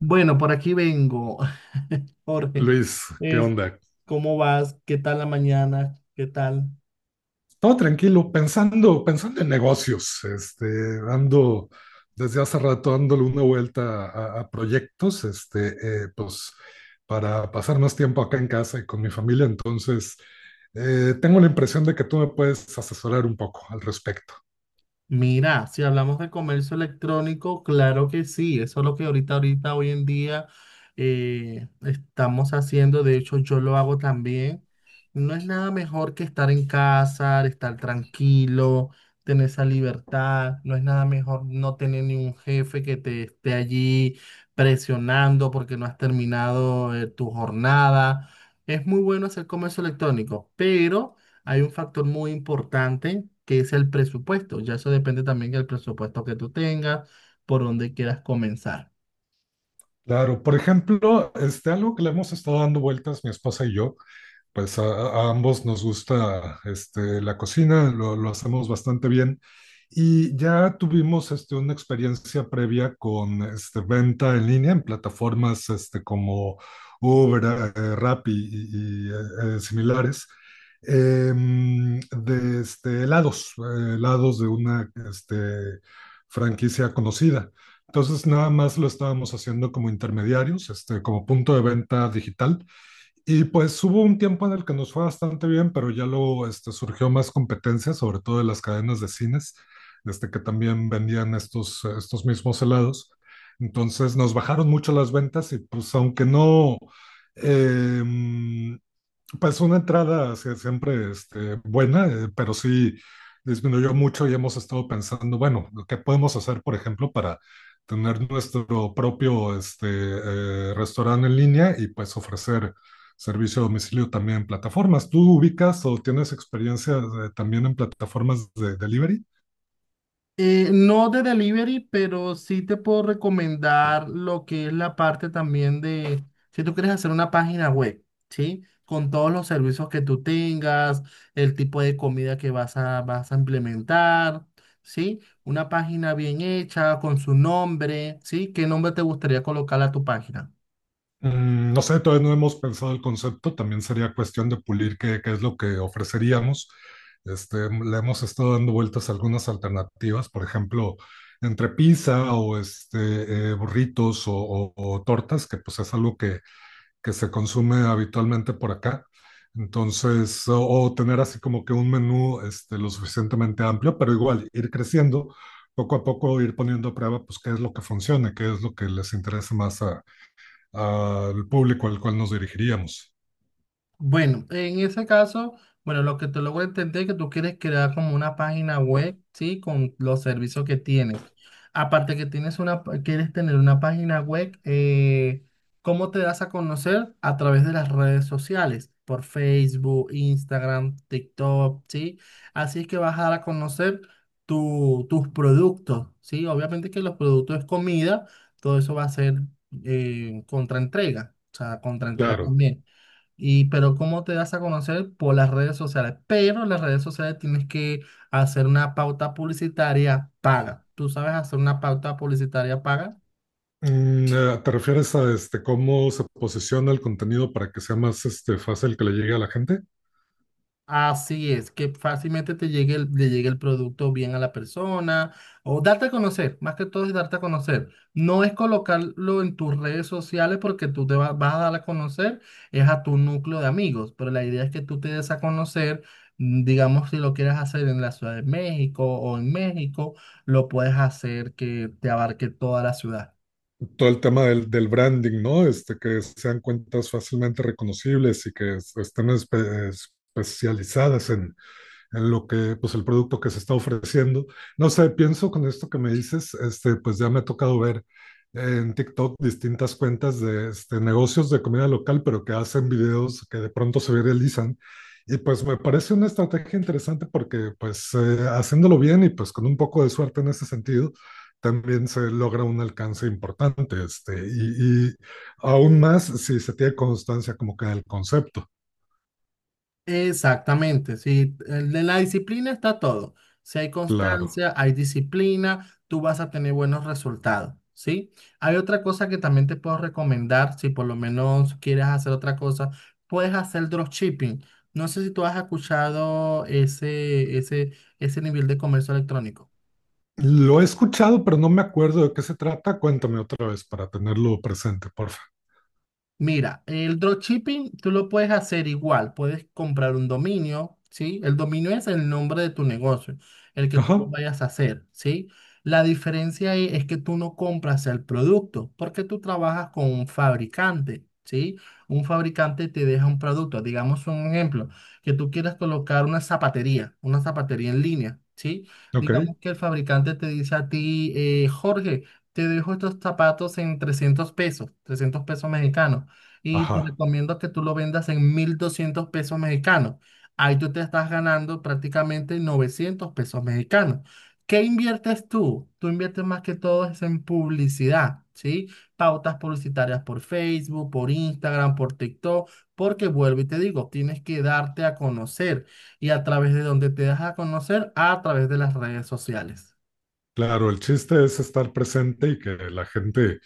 Bueno, por aquí vengo, Jorge. Luis, ¿qué Es, onda? ¿cómo vas? ¿Qué tal la mañana? ¿Qué tal? Todo tranquilo, pensando, pensando en negocios. Ando desde hace rato dándole una vuelta a proyectos, pues para pasar más tiempo acá en casa y con mi familia. Entonces, tengo la impresión de que tú me puedes asesorar un poco al respecto. Mira, si hablamos de comercio electrónico, claro que sí, eso es lo que ahorita, ahorita, hoy en día estamos haciendo, de hecho yo lo hago también. No es nada mejor que estar en casa, estar tranquilo, tener esa libertad, no es nada mejor no tener ni un jefe que te esté allí presionando porque no has terminado tu jornada. Es muy bueno hacer comercio electrónico, pero hay un factor muy importante que es el presupuesto. Ya eso depende también del presupuesto que tú tengas, por dónde quieras comenzar. Claro, por ejemplo, algo que le hemos estado dando vueltas mi esposa y yo, pues a ambos nos gusta, la cocina, lo hacemos bastante bien. Y ya tuvimos, una experiencia previa con, venta en línea en plataformas, como Uber, Rappi y similares, de, helados, helados de una, franquicia conocida. Entonces, nada más lo estábamos haciendo como intermediarios, como punto de venta digital, y pues hubo un tiempo en el que nos fue bastante bien, pero ya luego, surgió más competencia, sobre todo de las cadenas de cines, que también vendían estos mismos helados. Entonces nos bajaron mucho las ventas y pues, aunque no, eh, pues una entrada sí, siempre, buena, pero sí disminuyó mucho, y hemos estado pensando, bueno, ¿qué podemos hacer, por ejemplo, para tener nuestro propio, restaurante en línea y pues ofrecer servicio a domicilio también en plataformas? ¿Tú ubicas o tienes experiencia, también en plataformas de delivery? No de delivery, pero sí te puedo recomendar lo que es la parte también de, si tú quieres hacer una página web, ¿sí? Con todos los servicios que tú tengas, el tipo de comida que vas a, vas a implementar, ¿sí? Una página bien hecha, con su nombre, ¿sí? ¿Qué nombre te gustaría colocar a tu página? No sé, todavía no hemos pensado el concepto, también sería cuestión de pulir qué, qué es lo que ofreceríamos. Le hemos estado dando vueltas a algunas alternativas, por ejemplo, entre pizza o, burritos o tortas, que pues es algo que se consume habitualmente por acá. Entonces, o tener así como que un menú, lo suficientemente amplio, pero igual ir creciendo, poco a poco ir poniendo a prueba, pues qué es lo que funcione, qué es lo que les interesa más al público al cual nos dirigiríamos. Bueno, en ese caso, bueno, lo que te logro entender es que tú quieres crear como una página web, ¿sí? Con los servicios que tienes. Aparte que tienes una, quieres tener una página web, ¿cómo te das a conocer? A través de las redes sociales, por Facebook, Instagram, TikTok, ¿sí? Así es que vas a dar a conocer tus productos, ¿sí? Obviamente que los productos es comida, todo eso va a ser contraentrega, o sea, contraentrega Claro. también. Y, pero ¿cómo te das a conocer? Por las redes sociales. Pero en las redes sociales tienes que hacer una pauta publicitaria paga. ¿Tú sabes hacer una pauta publicitaria paga? ¿Te refieres a, cómo se posiciona el contenido para que sea más, fácil que le llegue a la gente? Así es, que fácilmente te llegue el, le llegue el producto bien a la persona o darte a conocer, más que todo es darte a conocer. No es colocarlo en tus redes sociales porque tú vas a dar a conocer, es a tu núcleo de amigos, pero la idea es que tú te des a conocer, mm, digamos, si lo quieres hacer en la Ciudad de México o en México, lo puedes hacer que te abarque toda la ciudad. Todo el tema del branding, ¿no? Que sean cuentas fácilmente reconocibles y que estén especializadas en lo que, pues el producto que se está ofreciendo. No sé, pienso con esto que me dices, pues ya me ha tocado ver en TikTok distintas cuentas de, negocios de comida local, pero que hacen videos que de pronto se viralizan. Y pues me parece una estrategia interesante porque, pues haciéndolo bien y pues con un poco de suerte en ese sentido, también se logra un alcance importante. Y, y aún más si se tiene constancia, como que del concepto, Exactamente, sí, en la disciplina está todo. Si hay claro. constancia, hay disciplina, tú vas a tener buenos resultados, ¿sí? Hay otra cosa que también te puedo recomendar, si por lo menos quieres hacer otra cosa, puedes hacer dropshipping. No sé si tú has escuchado ese nivel de comercio electrónico. Lo he escuchado, pero no me acuerdo de qué se trata. Cuéntame otra vez para tenerlo presente, porfa. Mira, el dropshipping tú lo puedes hacer igual, puedes comprar un dominio, ¿sí? El dominio es el nombre de tu negocio, el que tú lo Ajá, vayas a hacer, ¿sí? La diferencia ahí es que tú no compras el producto, porque tú trabajas con un fabricante, ¿sí? Un fabricante te deja un producto, digamos un ejemplo, que tú quieras colocar una zapatería en línea, ¿sí? ok, Digamos que el fabricante te dice a ti, Jorge, te dejo estos zapatos en 300 pesos, 300 pesos mexicanos y te ajá. recomiendo que tú lo vendas en 1200 pesos mexicanos. Ahí tú te estás ganando prácticamente 900 pesos mexicanos. ¿Qué inviertes tú? Tú inviertes más que todo es en publicidad, ¿sí? Pautas publicitarias por Facebook, por Instagram, por TikTok, porque vuelvo y te digo, tienes que darte a conocer. ¿Y a través de donde te das a conocer? A través de las redes sociales. Claro, el chiste es estar presente y que la gente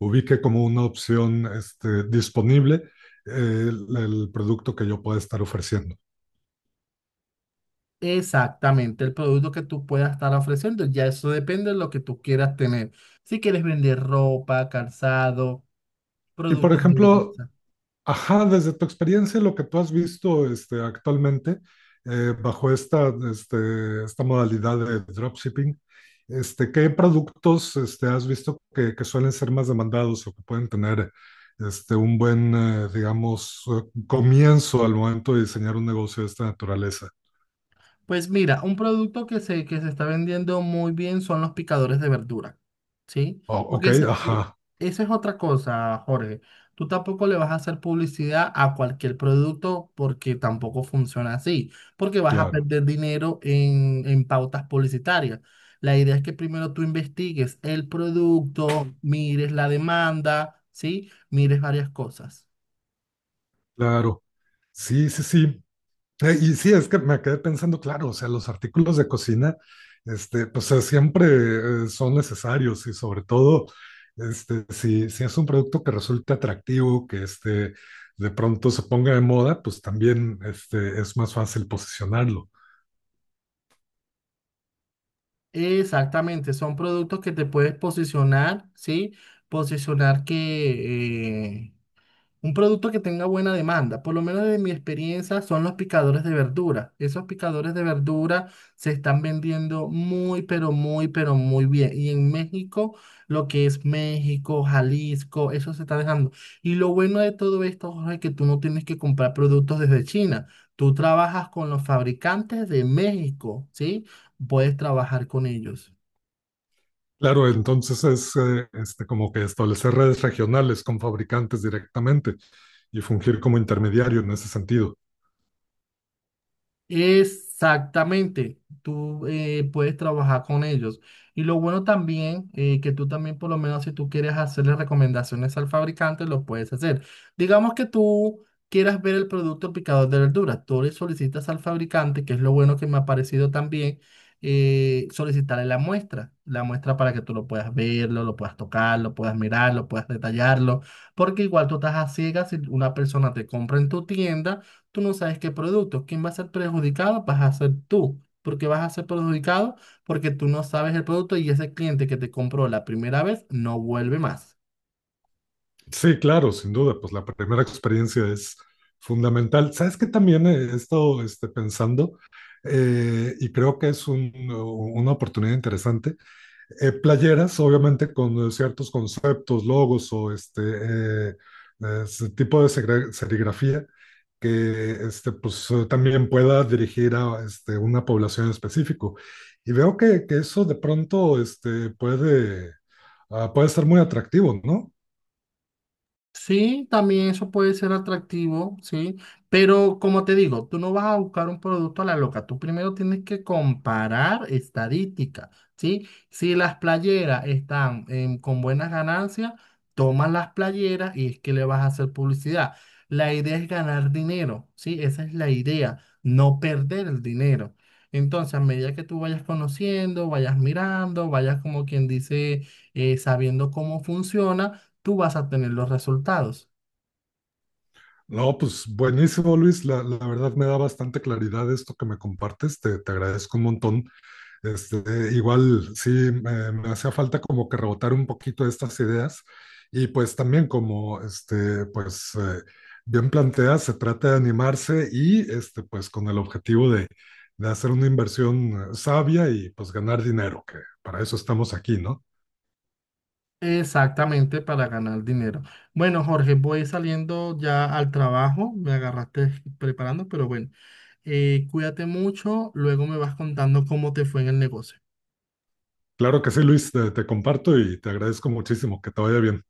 ubique como una opción, disponible, el producto que yo pueda estar ofreciendo. Exactamente, el producto que tú puedas estar ofreciendo, ya eso depende de lo que tú quieras tener. Si quieres vender ropa, calzado, Y por productos de ejemplo, belleza. ajá, desde tu experiencia, lo que tú has visto, actualmente, bajo esta modalidad de dropshipping, ¿qué productos, has visto que suelen ser más demandados o que pueden tener, un buen, digamos, comienzo al momento de diseñar un negocio de esta naturaleza? Pues mira, un producto que se está vendiendo muy bien son los picadores de verdura, ¿sí? Porque Ok, ajá, esa es otra cosa, Jorge. Tú tampoco le vas a hacer publicidad a cualquier producto porque tampoco funciona así, porque vas a claro, perder dinero en pautas publicitarias. La idea es que primero tú investigues el producto, mires la demanda, ¿sí? Mires varias cosas. claro. Sí, sí, sí. Y sí, es que me quedé pensando, claro, o sea, los artículos de cocina, siempre, son necesarios, y sobre todo, si es un producto que resulta atractivo, que, de pronto se ponga de moda, pues también, es más fácil posicionarlo. Exactamente, son productos que te puedes posicionar, ¿sí? Posicionar que, un producto que tenga buena demanda, por lo menos de mi experiencia, son los picadores de verdura. Esos picadores de verdura se están vendiendo muy, pero muy, pero muy bien. Y en México, lo que es México, Jalisco, eso se está dejando. Y lo bueno de todo esto, Jorge, es que tú no tienes que comprar productos desde China. Tú trabajas con los fabricantes de México, ¿sí? Puedes trabajar con ellos. Claro, entonces es, como que establecer redes regionales con fabricantes directamente y fungir como intermediario en ese sentido. Exactamente, tú puedes trabajar con ellos. Y lo bueno también, que tú también por lo menos si tú quieres hacerle recomendaciones al fabricante, lo puedes hacer. Digamos que tú quieras ver el producto picador de verduras, tú le solicitas al fabricante, que es lo bueno que me ha parecido también, solicitarle la muestra para que tú lo puedas verlo, lo puedas tocar, lo puedas mirar, lo puedas detallarlo, porque igual tú estás a ciegas si una persona te compra en tu tienda tú no sabes qué producto. ¿Quién va a ser perjudicado? Vas a ser tú. ¿Porque vas a ser perjudicado? Porque tú no sabes el producto y ese cliente que te compró la primera vez no vuelve más. Sí, claro, sin duda, pues la primera experiencia es fundamental. ¿Sabes qué también he estado, pensando? Y creo que es una oportunidad interesante. Playeras, obviamente, con, ciertos conceptos, logos o, eh, ese tipo de serigrafía que, también pueda dirigir a, una población específica. Y veo que eso de pronto, puede ser muy atractivo, ¿no? Sí, también eso puede ser atractivo, sí, pero como te digo, tú no vas a buscar un producto a la loca, tú primero tienes que comparar estadísticas, ¿sí? Si las playeras están con buenas ganancias, tomas las playeras y es que le vas a hacer publicidad. La idea es ganar dinero, ¿sí? Esa es la idea, no perder el dinero. Entonces, a medida que tú vayas conociendo, vayas mirando, vayas como quien dice, sabiendo cómo funciona, tú vas a tener los resultados. No, pues buenísimo, Luis. La verdad me da bastante claridad esto que me compartes. Te agradezco un montón. Igual sí, me hacía falta como que rebotar un poquito estas ideas. Y pues también como, bien planteas, se trata de animarse y, pues con el objetivo de hacer una inversión, sabia, y pues ganar dinero, que para eso estamos aquí, ¿no? Exactamente para ganar dinero. Bueno, Jorge, voy saliendo ya al trabajo. Me agarraste preparando, pero bueno, cuídate mucho. Luego me vas contando cómo te fue en el negocio. Claro que sí, Luis, te comparto y te agradezco muchísimo. Que te vaya bien.